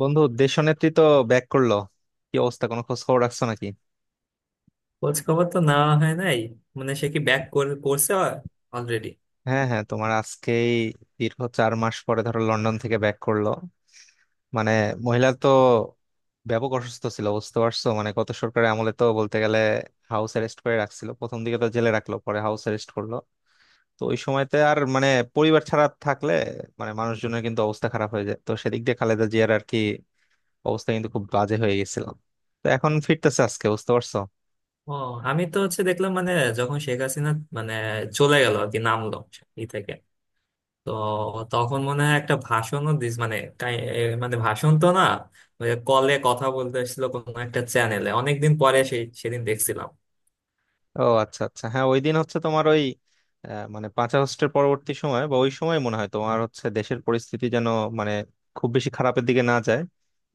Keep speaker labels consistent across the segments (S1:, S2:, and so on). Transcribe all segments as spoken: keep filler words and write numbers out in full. S1: বন্ধু, দেশনেত্রী তো ব্যাক করলো। কি অবস্থা, কোনো খোঁজ খবর রাখছো নাকি?
S2: খোঁজ খবর তো নেওয়া হয় নাই। মানে সে কি ব্যাক করছে অলরেডি?
S1: হ্যাঁ, হ্যাঁ, তোমার আজকেই দীর্ঘ চার মাস পরে ধরো লন্ডন থেকে ব্যাক করলো। মানে মহিলা তো ব্যাপক অসুস্থ ছিল, বুঝতে পারছো? মানে গত সরকারের আমলে তো বলতে গেলে হাউস অ্যারেস্ট করে রাখছিল, প্রথম দিকে তো জেলে রাখলো, পরে হাউস অ্যারেস্ট করলো। তো ওই সময়তে আর মানে পরিবার ছাড়া থাকলে মানে মানুষজনের কিন্তু অবস্থা খারাপ হয়ে যায়। তো সেদিক দিয়ে খালেদা জিয়ার আর কি অবস্থা কিন্তু খুব বাজে হয়ে গেছিল। তো এখন ফিরতেছে আজকে, বুঝতে পারছো?
S2: ও, আমি তো হচ্ছে দেখলাম মানে যখন শেখ হাসিনা মানে চলে গেল আর কি, নামলো ই থেকে, তো তখন মনে হয় একটা ভাষণও দিস, মানে কাই- এ মানে ভাষণ তো না, ওই কলে কথা বলতে এসেছিল কোনো একটা চ্যানেলে, অনেকদিন পরে সেই সেদিন দেখছিলাম।
S1: ও আচ্ছা, আচ্ছা, হ্যাঁ, ওই দিন হচ্ছে তোমার ওই আহ, মানে পাঁচ আগস্টের পরবর্তী সময় বা ওই সময় মনে হয় তোমার হচ্ছে দেশের পরিস্থিতি যেন মানে খুব বেশি খারাপের দিকে না যায়,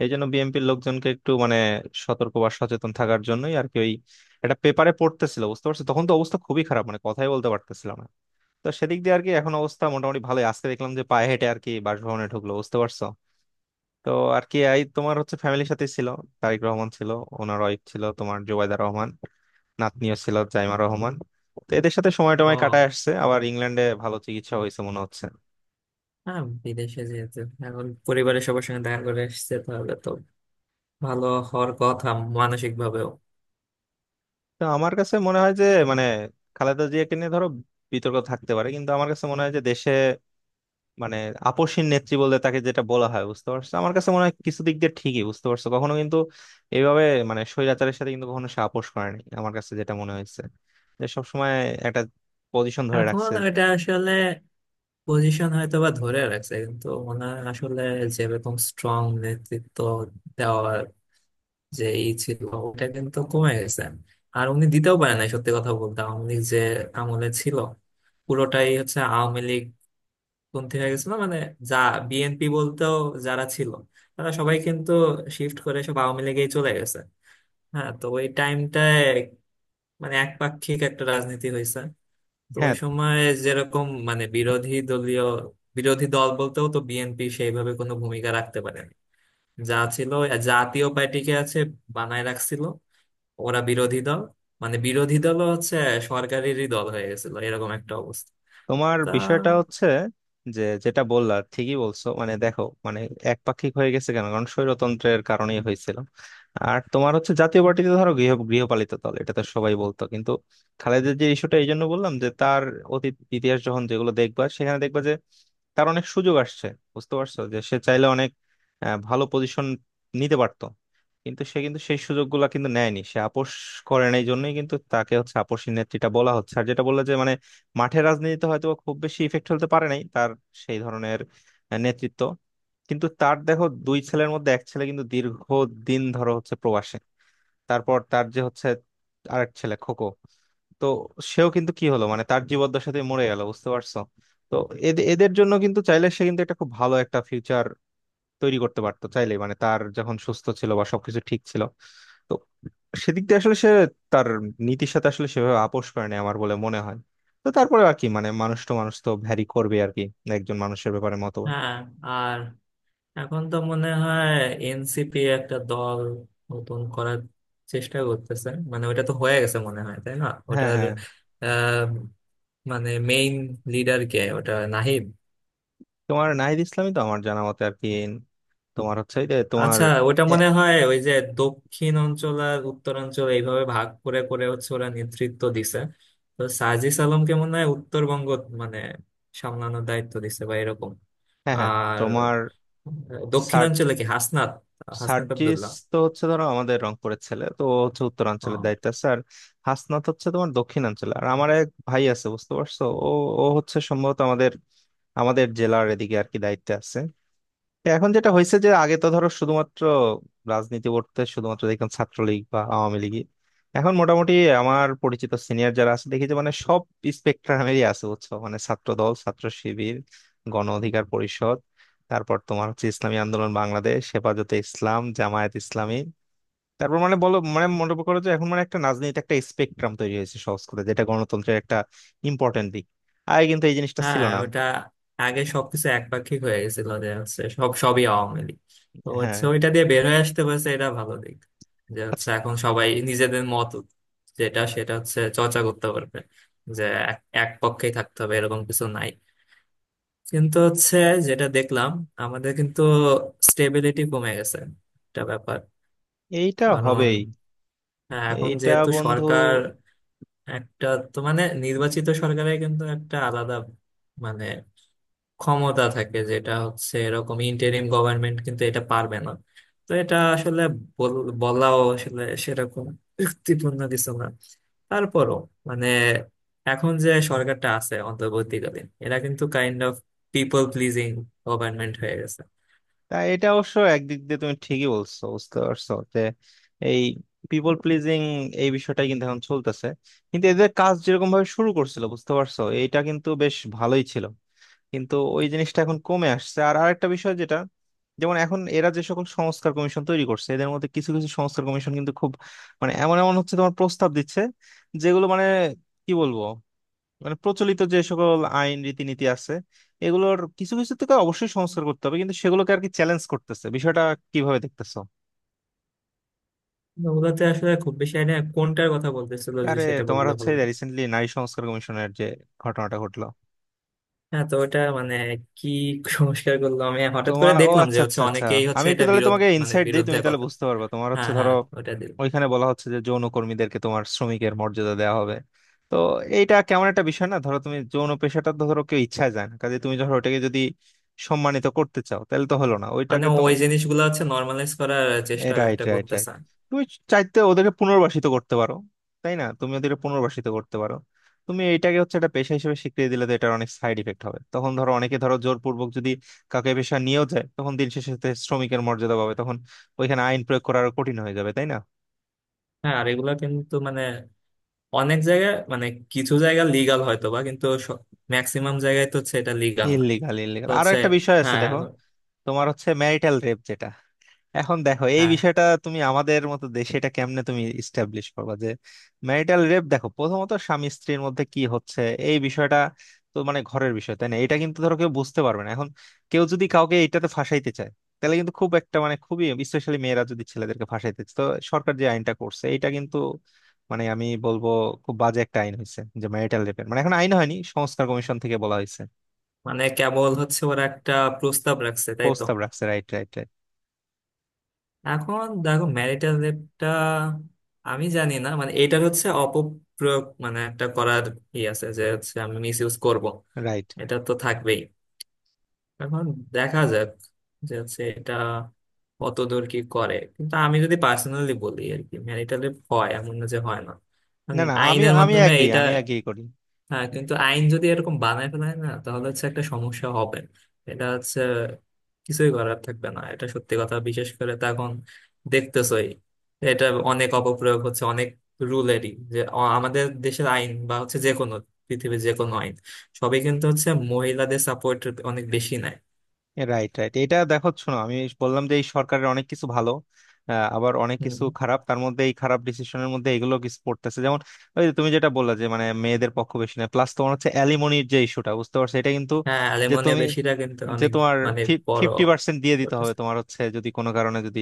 S1: এই জন্য বিএনপির লোকজনকে একটু মানে সতর্ক বা সচেতন থাকার জন্যই আর কি। ওই একটা পেপারে পড়তেছিল, বুঝতে পারছো, তখন তো অবস্থা খুবই খারাপ, মানে কথাই বলতে পারতেছিলাম না। তো সেদিক দিয়ে আর কি এখন অবস্থা মোটামুটি ভালোই, আজকে দেখলাম যে পায়ে হেঁটে আর কি বাসভবনে ঢুকলো, বুঝতে পারছো? তো আর কি এই তোমার হচ্ছে ফ্যামিলির সাথে ছিল, তারেক রহমান ছিল, ওনার ওয়াইফ ছিল তোমার জোবাইদা রহমান, নাতনিও ছিল জাইমা রহমান। তো এদের সাথে সময় টময়
S2: ও
S1: কাটায় আসছে, আবার ইংল্যান্ডে ভালো চিকিৎসা হয়েছে মনে হচ্ছে।
S2: হ্যাঁ, বিদেশে যেহেতু এখন পরিবারের সবার সঙ্গে দেখা করে এসেছে তাহলে তো ভালো হওয়ার কথা, মানসিক ভাবেও।
S1: তো আমার কাছে মনে হয় যে মানে খালেদা জিয়াকে নিয়ে ধরো বিতর্ক থাকতে পারে, কিন্তু আমার কাছে মনে হয় যে দেশে মানে আপোষহীন নেত্রী বলতে তাকে যেটা বলা হয়, বুঝতে পারছো, আমার কাছে মনে হয় কিছু দিক দিয়ে ঠিকই, বুঝতে পারছো, কখনো কিন্তু এইভাবে মানে স্বৈরাচারের সাথে কিন্তু কখনো সে আপোষ করেনি, আমার কাছে যেটা মনে হয়েছে, যে সবসময় একটা পজিশন ধরে
S2: এখন
S1: রাখছে।
S2: এটা আসলে পজিশন হয়তো বা ধরে রাখছে, কিন্তু ওনার আসলে যেরকম স্ট্রং নেতৃত্ব দেওয়ার যে ই ছিল, ওটা কিন্তু কমে গেছে। আর উনি দিতেও পারে না। সত্যি কথা বলতে, আওয়ামী লীগ যে আমলে ছিল, পুরোটাই হচ্ছে আওয়ামী লীগ পন্থী হয়ে গেছিল। মানে যা বিএনপি বলতেও যারা ছিল, তারা সবাই কিন্তু শিফট করে সব আওয়ামী লীগেই চলে গেছে। হ্যাঁ, তো ওই টাইমটায় মানে একপাক্ষিক একটা রাজনীতি হয়েছে। তো ওই
S1: হ্যাঁ।
S2: সময় যেরকম মানে বিরোধী দলীয়, বিরোধী দল বলতেও তো বিএনপি সেইভাবে কোনো ভূমিকা রাখতে পারেনি। যা ছিল, জাতীয় পার্টিকে আছে বানায় রাখছিল, ওরা বিরোধী দল। মানে বিরোধী দলও হচ্ছে সরকারেরই দল হয়ে গেছিল, এরকম একটা অবস্থা।
S1: তোমার
S2: তা
S1: বিষয়টা হচ্ছে যে, যেটা বললা ঠিকই বলছো, মানে দেখো মানে একপাক্ষিক হয়ে গেছে কেন? কারণ স্বৈরতন্ত্রের কারণেই হয়েছিল। আর তোমার হচ্ছে জাতীয় পার্টিতে ধরো গৃহ গৃহপালিত দল, এটা তো সবাই বলতো। কিন্তু খালেদের যে ইস্যুটা, এই জন্য বললাম যে তার অতীত ইতিহাস যখন যেগুলো দেখবা, সেখানে দেখবা যে তার অনেক সুযোগ আসছে, বুঝতে পারছো, যে সে চাইলে অনেক আহ, ভালো পজিশন নিতে পারতো, কিন্তু সে কিন্তু সেই সুযোগগুলো কিন্তু নেয়নি। সে আপোষ করে নাই জন্যই কিন্তু তাকে হচ্ছে আপোষী নেত্রীটা বলা হচ্ছে। আর যেটা বললে যে মানে মাঠের রাজনীতিতে হয়তো বা খুব বেশি ইফেক্ট ফেলতে পারে নাই, তার সেই ধরনের আহ, নেতৃত্ব। কিন্তু তার দেখো দুই ছেলের মধ্যে এক ছেলে কিন্তু দীর্ঘ দিন ধরো হচ্ছে প্রবাসে, তারপর তার যে হচ্ছে আরেক ছেলে খোকো, তো সেও কিন্তু কি হলো মানে তার জীবদ্দশাতে মরে গেল, বুঝতে পারছো? তো এদে- এদের জন্য কিন্তু চাইলে সে কিন্তু একটা খুব ভালো একটা ফিউচার তৈরি করতে পারতো চাইলে, মানে তার যখন সুস্থ ছিল বা সবকিছু ঠিক ছিল। সেদিক দিয়ে আসলে সে তার নীতির সাথে আসলে সেভাবে আপোষ করে না আমার বলে মনে হয়। তো তারপরে আর কি মানে মানুষ তো, মানুষ তো ভ্যারি করবে আর কি একজন মানুষের ব্যাপারে মতবাদ।
S2: হ্যাঁ। আর এখন তো মনে হয় এনসিপি একটা দল নতুন করার চেষ্টা করতেছে, মানে ওটা তো হয়ে গেছে মনে হয়, তাই না
S1: হ্যাঁ,
S2: ওটার?
S1: হ্যাঁ,
S2: আহ মানে মেইন লিডার কে, ওটা নাহিদ?
S1: তোমার নাহিদ ইসলামই তো আমার জানা মতে আর কি। তোমার হচ্ছে এই যে তোমার
S2: আচ্ছা, ওটা
S1: এ,
S2: মনে হয় ওই যে দক্ষিণ অঞ্চল আর উত্তরাঞ্চল এইভাবে ভাগ করে করে হচ্ছে ওরা নেতৃত্ব দিছে। তো সাজিস আলমকে মনে হয় উত্তরবঙ্গ মানে সামলানোর দায়িত্ব দিছে বা এরকম।
S1: হ্যাঁ, হ্যাঁ,
S2: আর
S1: তোমার সার
S2: দক্ষিণাঞ্চলে কি হাসনাত, হাসনাত
S1: সার্জিস
S2: আব্দুল্লাহ।
S1: তো হচ্ছে ধরো আমাদের রংপুরের ছেলে, তো ও হচ্ছে উত্তরাঞ্চলের দায়িত্ব আছে। আর হাসনাত হচ্ছে তোমার দক্ষিণাঞ্চলে, আর আমার এক ভাই আছে, বুঝতে পারছো, ও ও হচ্ছে সম্ভবত আমাদের আমাদের জেলার এদিকে আর কি দায়িত্বে আছে। এখন যেটা হয়েছে যে আগে তো ধরো শুধুমাত্র রাজনীতি করতে শুধুমাত্র দেখতাম ছাত্রলীগ বা আওয়ামী লীগ, এখন মোটামুটি আমার পরিচিত সিনিয়র যারা আছে দেখি যে মানে সব স্পেকট্রামেরই আছে, বুঝছো, মানে ছাত্র দল, ছাত্র শিবির, গণ অধিকার পরিষদ, তারপর তোমার হচ্ছে ইসলামী আন্দোলন বাংলাদেশ, হেফাজতে ইসলাম, জামায়াত ইসলামী। তারপর মানে বলো, মানে মনে করো যে এখন মানে একটা রাজনীতি একটা স্পেকট্রাম তৈরি হয়েছে, সহজ করে, যেটা গণতন্ত্রের একটা ইম্পর্টেন্ট দিক। আগে কিন্তু এই জিনিসটা ছিল
S2: হ্যাঁ,
S1: না।
S2: ওটা আগে সবকিছু একপাক্ষিক হয়ে গেছিল, যে হচ্ছে সব সবই আওয়ামী লীগ। তো
S1: হ্যাঁ।
S2: হচ্ছে ওইটা দিয়ে বের হয়ে আসতে পারছে, এটা ভালো দিক। যে হচ্ছে
S1: আচ্ছা।
S2: এখন সবাই নিজেদের মত যেটা সেটা হচ্ছে চর্চা করতে পারবে, যে এক এক পক্ষেই থাকতে হবে এরকম কিছু নাই। কিন্তু হচ্ছে যেটা দেখলাম, আমাদের কিন্তু স্টেবিলিটি কমে গেছে, একটা ব্যাপার।
S1: এইটা
S2: কারণ
S1: হবেই।
S2: হ্যাঁ, এখন
S1: এইটা
S2: যেহেতু
S1: বন্ধু
S2: সরকার একটা, তো মানে নির্বাচিত সরকারের কিন্তু একটা আলাদা মানে ক্ষমতা থাকে, যেটা হচ্ছে এরকম ইন্টারিম গভর্নমেন্ট কিন্তু এটা পারবে না। তো এটা আসলে বল- বলাও আসলে সেরকম যুক্তিপূর্ণ কিছু না। তারপরও মানে এখন যে সরকারটা আছে অন্তর্বর্তীকালীন, এরা কিন্তু kind of people pleasing government হয়ে গেছে।
S1: তা এটা অবশ্য একদিক দিয়ে তুমি ঠিকই বলছো, বুঝতে পারছো, যে এই পিপল প্লিজিং এই বিষয়টাই কিন্তু এখন চলতেছে। কিন্তু এদের কাজ যেরকম ভাবে শুরু করছিল, বুঝতে পারছো, এইটা কিন্তু বেশ ভালোই ছিল, কিন্তু ওই জিনিসটা এখন কমে আসছে। আর আরেকটা বিষয় যেটা, যেমন এখন এরা যে সকল সংস্কার কমিশন তৈরি করছে, এদের মধ্যে কিছু কিছু সংস্কার কমিশন কিন্তু খুব মানে এমন এমন হচ্ছে তোমার প্রস্তাব দিচ্ছে, যেগুলো মানে কি বলবো, মানে প্রচলিত যে সকল আইন রীতিনীতি আছে এগুলোর কিছু কিছু থেকে অবশ্যই সংস্কার করতে হবে, কিন্তু সেগুলোকে আর কি চ্যালেঞ্জ করতেছে। বিষয়টা কিভাবে দেখতেছো?
S2: তো ওগুলোতে আসলে খুব বেশি আইডিয়া, কোনটার কথা বলতেছিল যে
S1: আরে
S2: সেটা
S1: তোমার
S2: বললে
S1: হচ্ছে
S2: ভালো হয়।
S1: রিসেন্টলি নারী সংস্কার কমিশনের যে ঘটনাটা ঘটলো।
S2: হ্যাঁ তো ওটা মানে কি সংস্কার করলো, আমি হঠাৎ করে
S1: তোমার ও
S2: দেখলাম যে
S1: আচ্ছা,
S2: হচ্ছে
S1: আচ্ছা, আচ্ছা,
S2: অনেকেই হচ্ছে
S1: আমি একটু
S2: এটা
S1: তাহলে
S2: বিরোধ,
S1: তোমাকে
S2: মানে
S1: ইনসাইট দিই,
S2: বিরুদ্ধে
S1: তুমি তাহলে
S2: কথা।
S1: বুঝতে পারবা। তোমার
S2: হ্যাঁ
S1: হচ্ছে ধরো
S2: হ্যাঁ, ওটা দিল
S1: ওইখানে বলা হচ্ছে যে যৌন কর্মীদেরকে তোমার শ্রমিকের মর্যাদা দেওয়া হবে। তো এইটা কেমন একটা বিষয় না? ধরো তুমি যৌন পেশাটা তো ধরো কেউ ইচ্ছায় যায় না কাজে, তুমি ধরো ওটাকে যদি সম্মানিত করতে চাও তাহলে তো হলো না,
S2: মানে
S1: ওইটাকে তো।
S2: ওই জিনিসগুলো হচ্ছে নর্মালাইজ করার চেষ্টা
S1: রাইট,
S2: একটা
S1: রাইট, রাইট।
S2: করতেছে।
S1: তুমি চাইতে ওদেরকে পুনর্বাসিত করতে পারো, তাই না? তুমি ওদেরকে পুনর্বাসিত করতে পারো। তুমি এটাকে হচ্ছে একটা পেশা হিসেবে স্বীকৃতি দিলে তো এটার অনেক সাইড ইফেক্ট হবে। তখন ধরো অনেকে ধরো জোরপূর্বক যদি কাউকে এ পেশা নিয়েও যায়, তখন দিন শেষে সে শ্রমিকের মর্যাদা পাবে। তখন ওইখানে আইন প্রয়োগ করা আরো কঠিন হয়ে যাবে, তাই না?
S2: হ্যাঁ, আর এগুলা কিন্তু মানে অনেক জায়গায় মানে কিছু জায়গা লিগাল হয়তো বা, কিন্তু ম্যাক্সিমাম জায়গায় তো হচ্ছে এটা লিগাল না।
S1: Illegal, illegal.
S2: তো
S1: আরো
S2: হচ্ছে
S1: একটা বিষয় আছে,
S2: হ্যাঁ
S1: দেখো,
S2: এখন-।
S1: তোমার হচ্ছে ম্যারিটাল রেপ যেটা, এখন দেখো এই
S2: হ্যাঁ
S1: বিষয়টা তুমি আমাদের মতো দেশে এটা কেমনে তুমি ইস্টাবলিশ করবা যে ম্যারিটাল রেপ? দেখো, প্রথমত স্বামী স্ত্রীর মধ্যে কি হচ্ছে এই বিষয়টা, তো মানে ঘরের বিষয়, তাই না? এটা কিন্তু ধরো কেউ বুঝতে পারবে না। এখন কেউ যদি কাউকে এটাতে ফাঁসাইতে চায়, তাহলে কিন্তু খুব একটা মানে খুবই, স্পেশালি মেয়েরা যদি ছেলেদেরকে ফাঁসাইতে চায়, তো সরকার যে আইনটা করছে এটা কিন্তু মানে আমি বলবো খুব বাজে একটা আইন হয়েছে, যে ম্যারিটাল রেপের, মানে এখন আইন হয়নি, সংস্কার কমিশন থেকে বলা হয়েছে
S2: মানে কেবল হচ্ছে ওরা একটা প্রস্তাব রাখছে, তাই তো?
S1: প্রস্তাব রাখছে। রাইট, রাইট, রাইট,
S2: এখন দেখো ম্যারিটাল রেপটা আমি জানি না, মানে এটার হচ্ছে অপপ্রয়োগ মানে একটা করার ই আছে, যে হচ্ছে আমি মিস ইউজ করবো।
S1: রাইট।
S2: এটা তো থাকবেই। এখন দেখা যাক যে হচ্ছে এটা কতদূর কি করে। কিন্তু আমি যদি পার্সোনালি বলি আর কি, ম্যারিটাল রেপ হয়, এমন না যে হয় না।
S1: না,
S2: কারণ
S1: না, আমি
S2: আইনের
S1: আমি
S2: মাধ্যমে
S1: অ্যাগ্রি,
S2: এটা,
S1: আমি অ্যাগ্রি করি।
S2: হ্যাঁ, কিন্তু আইন যদি এরকম বানায় ফেলায় না, তাহলে হচ্ছে একটা সমস্যা হবে। এটা হচ্ছে কিছুই করার থাকবে না, এটা সত্যি কথা। বিশেষ করে তো এখন দেখতেছই এটা অনেক অপপ্রয়োগ হচ্ছে অনেক রুলেরই। যে অ- আমাদের দেশের আইন বা হচ্ছে যে কোনো পৃথিবীর যে কোনো আইন, সবই কিন্তু হচ্ছে মহিলাদের সাপোর্ট অনেক বেশি নেয়।
S1: Right, right. এটা দেখো, শোনো, আমি বললাম যে এই সরকারের অনেক কিছু ভালো, আহ, আবার অনেক কিছু
S2: হম।
S1: খারাপ, তার মধ্যে এই খারাপ ডিসিশনের মধ্যে এগুলো কিছু পড়তেছে। যেমন ওই যে তুমি যেটা বললা যে মানে মেয়েদের পক্ষ বেশি, না প্লাস তোমার হচ্ছে অ্যালিমনির যে ইস্যুটা, বুঝতে পারছো, এটা কিন্তু,
S2: হ্যাঁ,
S1: যে
S2: অ্যালুমিনিয়াম
S1: তুমি,
S2: বেশিটা কিন্তু
S1: যে
S2: অনেক,
S1: তোমার
S2: মানে বড়।
S1: ফিফটি পার্সেন্ট দিয়ে দিতে হবে তোমার হচ্ছে যদি কোনো কারণে যদি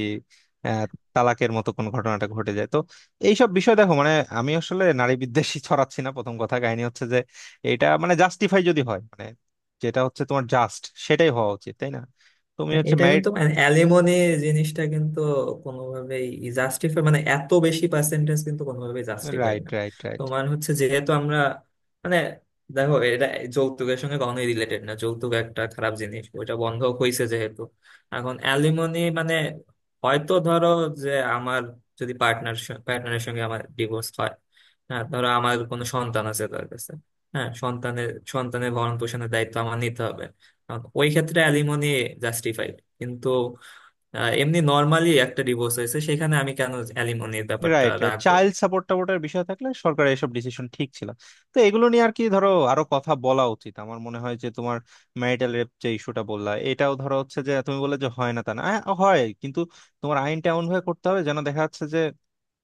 S1: আহ, তালাকের মতো কোনো ঘটনাটা ঘটে যায়, তো এইসব বিষয় দেখো, মানে আমি আসলে নারী বিদ্বেষী ছড়াচ্ছি না প্রথম কথা। কাহিনী হচ্ছে যে এটা মানে জাস্টিফাই যদি হয়, মানে যেটা হচ্ছে তোমার জাস্ট সেটাই হওয়া উচিত, তাই না? তুমি
S2: না,
S1: হচ্ছে
S2: এটা
S1: ম্যারিড।
S2: কিন্তু মানে অ্যালিমনি জিনিসটা কিন্তু কোনোভাবেই জাস্টিফাই, মানে এত বেশি পার্সেন্টেজ কিন্তু কোনোভাবেই জাস্টিফাই
S1: রাইট,
S2: না।
S1: Right, right.
S2: তোমার হচ্ছে যেহেতু আমরা মানে দেখো, এটা যৌতুকের সঙ্গে কখনোই রিলেটেড না, যৌতুক একটা খারাপ জিনিস, ওইটা বন্ধ হয়েছে যেহেতু। এখন অ্যালিমনি মানে হয়তো ধরো যে আমার যদি পার্টনার, পার্টনারের সঙ্গে আমার ডিভোর্স হয়, হ্যাঁ ধরো আমার কোনো সন্তান আছে তার কাছে, হ্যাঁ সন্তানের সন্তানের ভরণ পোষণের দায়িত্ব আমার নিতে হবে, কারণ ওই ক্ষেত্রে অ্যালিমনি জাস্টিফাইড। কিন্তু আহ, এমনি নর্মালি একটা ডিভোর্স হয়েছে, সেখানে আমি কেন অ্যালিমনির ব্যাপারটা
S1: রাইট, রাইট,
S2: রাখবো?
S1: চাইল্ড সাপোর্ট টাপোর্টের বিষয় থাকলে সরকারের এসব ডিসিশন ঠিক ছিল। তো এগুলো নিয়ে আর কি ধরো আরো কথা বলা উচিত আমার মনে হয়। যে তোমার ম্যারিটাল রেপ যে ইস্যুটা বললা, এটাও ধরো হচ্ছে যে তুমি বললে যে হয় না তা না, আ- হয়, কিন্তু তোমার আইনটা এমন ভাবে করতে হবে যেন, দেখা যাচ্ছে যে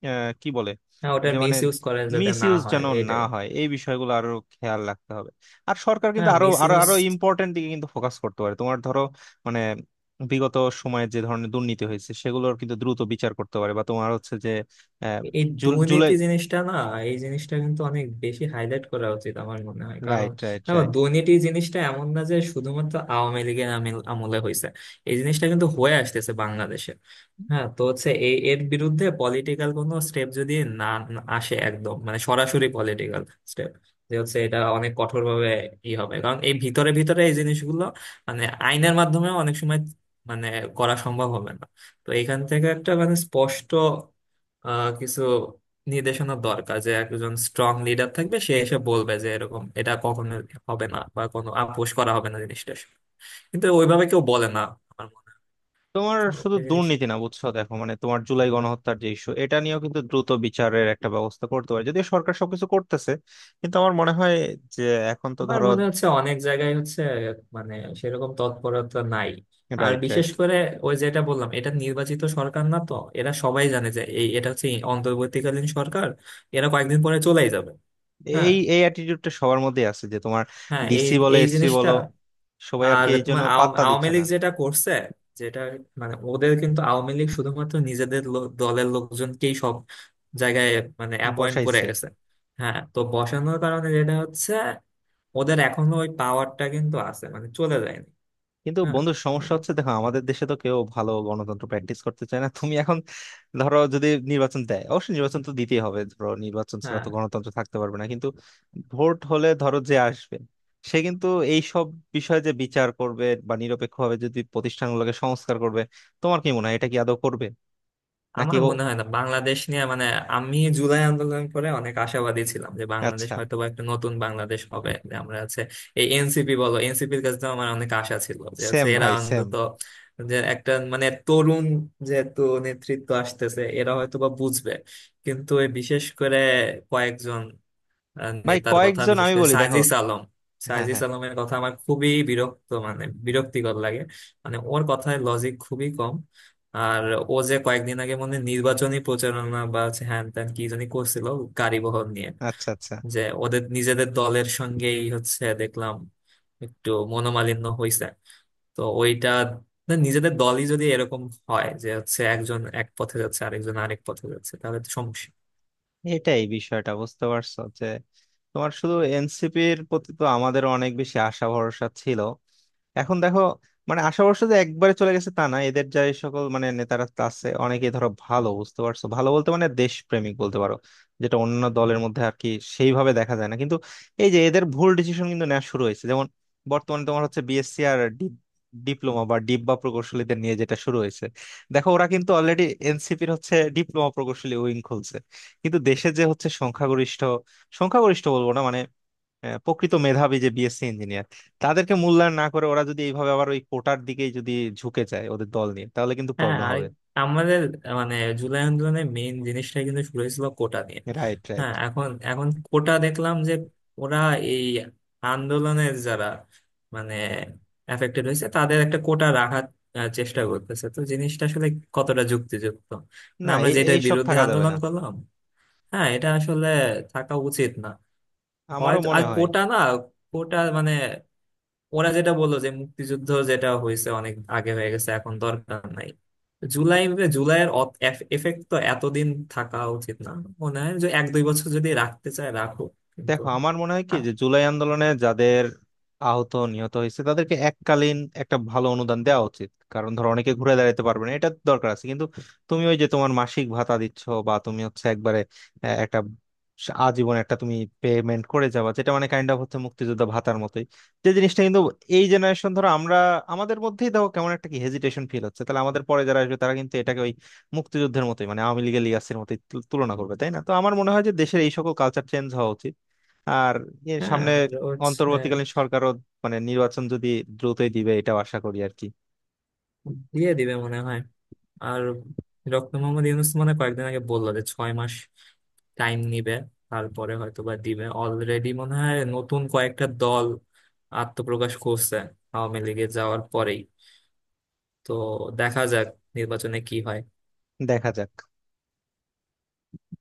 S1: আহ, কি বলে,
S2: হ্যাঁ, ওটার
S1: যে মানে
S2: মিস ইউজ করা যাতে
S1: মিস
S2: না
S1: ইউজ
S2: হয়
S1: যেন না
S2: এটাই।
S1: হয়, এই বিষয়গুলো আরো খেয়াল রাখতে হবে। আর সরকার কিন্তু
S2: হ্যাঁ,
S1: আরো
S2: মিস
S1: আরো
S2: ইউজ।
S1: আরো ইম্পর্টেন্ট দিকে কিন্তু ফোকাস করতে পারে। তোমার ধরো মানে বিগত সময়ে যে ধরনের দুর্নীতি হয়েছে সেগুলোর কিন্তু দ্রুত বিচার করতে পারে, বা তোমার হচ্ছে যে আহ,
S2: এই
S1: জুল-
S2: দুর্নীতি
S1: জুলাই।
S2: জিনিসটা না, এই জিনিসটা কিন্তু অনেক বেশি হাইলাইট করা উচিত আমার মনে হয়। কারণ
S1: রাইট, রাইট,
S2: দেখো,
S1: রাইট।
S2: দুর্নীতি জিনিসটা এমন না যে শুধুমাত্র আওয়ামী লীগের আমিল- আমলে হয়েছে, এই জিনিসটা কিন্তু হয়ে আসতেছে বাংলাদেশে। হ্যাঁ তো হচ্ছে এই এর বিরুদ্ধে পলিটিক্যাল কোনো স্টেপ যদি না না আসে একদম, মানে সরাসরি পলিটিক্যাল স্টেপ, যে হচ্ছে এটা অনেক কঠোর ভাবে ই হবে, কারণ এই ভিতরে ভিতরে এই জিনিসগুলো মানে আইনের মাধ্যমে অনেক সময় মানে করা সম্ভব হবে না। তো এখান থেকে একটা মানে স্পষ্ট আহ কিছু নির্দেশনা দরকার, যে একজন স্ট্রং লিডার থাকবে, সে এসে বলবে যে এরকম এটা কখনো হবে না বা কোনো আপোষ করা হবে না, জিনিসটা। কিন্তু ওইভাবে কেউ বলে না আমার মনে হয়।
S1: তোমার
S2: তো
S1: শুধু
S2: ওই জিনিসটা
S1: দুর্নীতি না, বুঝছো, দেখো মানে তোমার জুলাই গণহত্যার যে ইস্যু, এটা নিয়েও কিন্তু দ্রুত বিচারের একটা ব্যবস্থা করতে পারে, যদিও সরকার সবকিছু করতেছে কিন্তু আমার মনে হয় যে এখন তো
S2: আমার
S1: ধরো।
S2: মনে হচ্ছে অনেক জায়গায় হচ্ছে মানে সেরকম তৎপরতা নাই। আর
S1: রাইট,
S2: বিশেষ
S1: রাইট,
S2: করে ওই যেটা বললাম, এটা নির্বাচিত সরকার না, তো এরা সবাই জানে যে এই এটা হচ্ছে অন্তর্বর্তীকালীন সরকার, এরা কয়েকদিন পরে চলেই যাবে। হ্যাঁ
S1: এই এই অ্যাটিটিউডটা সবার মধ্যেই আছে, যে তোমার
S2: হ্যাঁ, এই
S1: ডিসি বলো,
S2: এই
S1: এসপি
S2: জিনিসটা।
S1: বলো, সবাই আর
S2: আর
S1: কি এই জন্য
S2: তোমার আও-
S1: পাত্তা
S2: আওয়ামী
S1: দিচ্ছে না।
S2: লীগ যেটা করছে, যেটা মানে ওদের কিন্তু আওয়ামী লীগ শুধুমাত্র নিজেদের লো- দলের লোকজনকেই সব জায়গায় মানে অ্যাপয়েন্ট করে
S1: বসাইছে।
S2: গেছে। হ্যাঁ, তো বসানোর কারণে যেটা হচ্ছে, ওদের এখনো ওই পাওয়ারটা কিন্তু আছে, মানে চলে যায়নি।
S1: কিন্তু
S2: হ্যাঁ
S1: বন্ধু সমস্যা হচ্ছে দেখো আমাদের দেশে তো কেউ ভালো গণতন্ত্র প্র্যাকটিস করতে চায় না। তুমি এখন ধরো যদি নির্বাচন দেয়, অবশ্যই নির্বাচন তো দিতেই হবে, ধরো নির্বাচন ছাড়া
S2: হ্যাঁ,
S1: তো গণতন্ত্র থাকতে পারবে না, কিন্তু ভোট হলে ধরো যে আসবে, সে কিন্তু এই সব বিষয়ে যে বিচার করবে বা নিরপেক্ষভাবে যদি প্রতিষ্ঠানগুলোকে সংস্কার করবে, তোমার কি মনে হয় এটা কি আদৌ করবে নাকি?
S2: আমার
S1: ও
S2: মনে হয় না। বাংলাদেশ নিয়ে মানে আমি জুলাই আন্দোলন করে অনেক আশাবাদী ছিলাম যে বাংলাদেশ
S1: আচ্ছা।
S2: হয়তো বা একটা নতুন বাংলাদেশ হবে, যে আমরা আছে। এই এনসিপি বলো, এনসিপির কাছে তো আমার অনেক আশা ছিল, যে আছে
S1: সেম,
S2: এরা
S1: ভাই, সেম।
S2: অন্তত যে একটা মানে তরুণ যেহেতু নেতৃত্ব আসতেছে, এরা হয়তো বা বুঝবে। কিন্তু এই বিশেষ করে কয়েকজন আহ,
S1: ভাই
S2: নেতার কথা,
S1: কয়েকজন
S2: বিশেষ
S1: আমি
S2: করে
S1: বলি, দেখো।
S2: সাইজিস আলম,
S1: হ্যাঁ,
S2: সাইজিস
S1: হ্যাঁ।
S2: আলমের কথা আমার খুবই বিরক্ত, মানে বিরক্তিকর লাগে। মানে ওর কথায় লজিক খুবই কম। আর ও যে কয়েকদিন আগে মনে হয় নির্বাচনী প্রচারণা বা হচ্ছে হ্যান ত্যান কি জানি করছিল গাড়ি বহর নিয়ে,
S1: আচ্ছা, আচ্ছা।
S2: যে ওদের নিজেদের দলের সঙ্গেই হচ্ছে দেখলাম একটু মনোমালিন্য হয়েছে। তো ওইটা, না, নিজেদের দলই যদি এরকম হয় যে হচ্ছে একজন এক পথে যাচ্ছে আরেকজন আরেক পথে যাচ্ছে, তাহলে তো সমস্যা।
S1: এটাই বিষয়টা, বুঝতে পারছো, যে তোমার শুধু এনসিপির প্রতি তো আমাদের অনেক বেশি আশা ভরসা ছিল। এখন দেখো মানে আশাবর্ষ যে একবারে চলে গেছে তা না, এদের যে সকল মানে নেতারা তা আছে অনেকে ধরো ভালো, বুঝতে পারছো, ভালো বলতে মানে দেশপ্রেমিক বলতে পারো, যেটা অন্য দলের মধ্যে আর কি সেইভাবে দেখা যায় না। কিন্তু এই যে এদের ভুল ডিসিশন কিন্তু নেওয়া শুরু হয়েছে, যেমন বর্তমানে তোমার হচ্ছে বিএসসি আর ডিপ্লোমা বা ডিব্বা প্রকৌশলীদের নিয়ে যেটা শুরু হয়েছে। দেখো ওরা কিন্তু অলরেডি এনসিপির হচ্ছে ডিপ্লোমা প্রকৌশলী উইং খুলছে, কিন্তু দেশে যে হচ্ছে সংখ্যাগরিষ্ঠ, সংখ্যাগরিষ্ঠ বলবো না মানে আহ, প্রকৃত মেধাবী যে বিএসসি ইঞ্জিনিয়ার তাদেরকে মূল্যায়ন না করে ওরা যদি এইভাবে আবার ওই কোটার দিকেই যদি ঝুঁকে যায় ওদের দল নিয়ে, তাহলে কিন্তু
S2: হ্যাঁ,
S1: প্রবলেম
S2: আর
S1: হবে।
S2: আমাদের মানে জুলাই আন্দোলনের মেইন জিনিসটা কিন্তু শুরু হয়েছিল কোটা নিয়ে।
S1: Right, right.
S2: হ্যাঁ, এখন এখন কোটা দেখলাম যে ওরা এই আন্দোলনের যারা মানে এফেক্টেড হয়েছে তাদের একটা কোটা রাখার আহ, চেষ্টা করতেছে। তো জিনিসটা আসলে কতটা যুক্তিযুক্ত, মানে
S1: না,
S2: আমরা যেটার
S1: এই সব
S2: বিরুদ্ধে
S1: থাকা যাবে
S2: আন্দোলন
S1: না।
S2: করলাম! হ্যাঁ এটা আসলে থাকা উচিত না।
S1: আমারও
S2: হয়তো আর
S1: মনে হয়।
S2: কোটা না, কোটা মানে ওরা যেটা বললো যে মুক্তিযুদ্ধ যেটা হয়েছে অনেক আগে হয়ে গেছে এখন দরকার নাই, জুলাই জুলাইয়ের এফেক্ট তো এতদিন থাকা উচিত না। মনে হয় যে এক দুই বছর যদি রাখতে চায় রাখো, কিন্তু
S1: দেখো আমার মনে হয় কি,
S2: আ-।
S1: যে জুলাই আন্দোলনে যাদের আহত নিহত হয়েছে তাদেরকে এককালীন একটা ভালো অনুদান দেওয়া উচিত, কারণ ধরো অনেকে ঘুরে দাঁড়াতে পারবে না, এটা দরকার আছে। কিন্তু তুমি ওই যে তোমার মাসিক ভাতা দিচ্ছ বা তুমি হচ্ছে একবারে আহ, একটা স- আজীবন একটা তুমি পেমেন্ট করে যাবা, যেটা মানে কাইন্ড অফ হচ্ছে মুক্তিযোদ্ধা ভাতার মতোই, যে জিনিসটা কিন্তু এই জেনারেশন ধরো আমরা, আমাদের মধ্যেই দেখো কেমন একটা কি হেজিটেশন ফিল হচ্ছে, তাহলে আমাদের পরে যারা আসবে তারা কিন্তু এটাকে ওই মুক্তিযুদ্ধের মতোই মানে আওয়ামী লীগের লিগ্যাসির মতোই তু- তুলনা করবে, তাই না? তো আমার মনে হয় যে দেশের এই সকল কালচার চেঞ্জ হওয়া উচিত। আর এর
S2: হ্যাঁ,
S1: সামনে
S2: আর হচ্ছে
S1: অন্তর্বর্তীকালীন সরকারও মানে নির্বাচন যদি দ্রুতই দিবে এটাও আশা করি আর কি।
S2: দিয়ে দিবে মনে হয়। আর ডক্টর মোহাম্মদ ইউনূস মানে কয়েকদিন আগে বললো যে ছয় মাস টাইম নিবে, তারপরে হয়তো বা দিবে। অলরেডি মনে হয় নতুন কয়েকটা দল আত্মপ্রকাশ করছে আওয়ামী লীগে যাওয়ার পরেই। তো দেখা যাক নির্বাচনে কি হয়।
S1: দেখা যাক।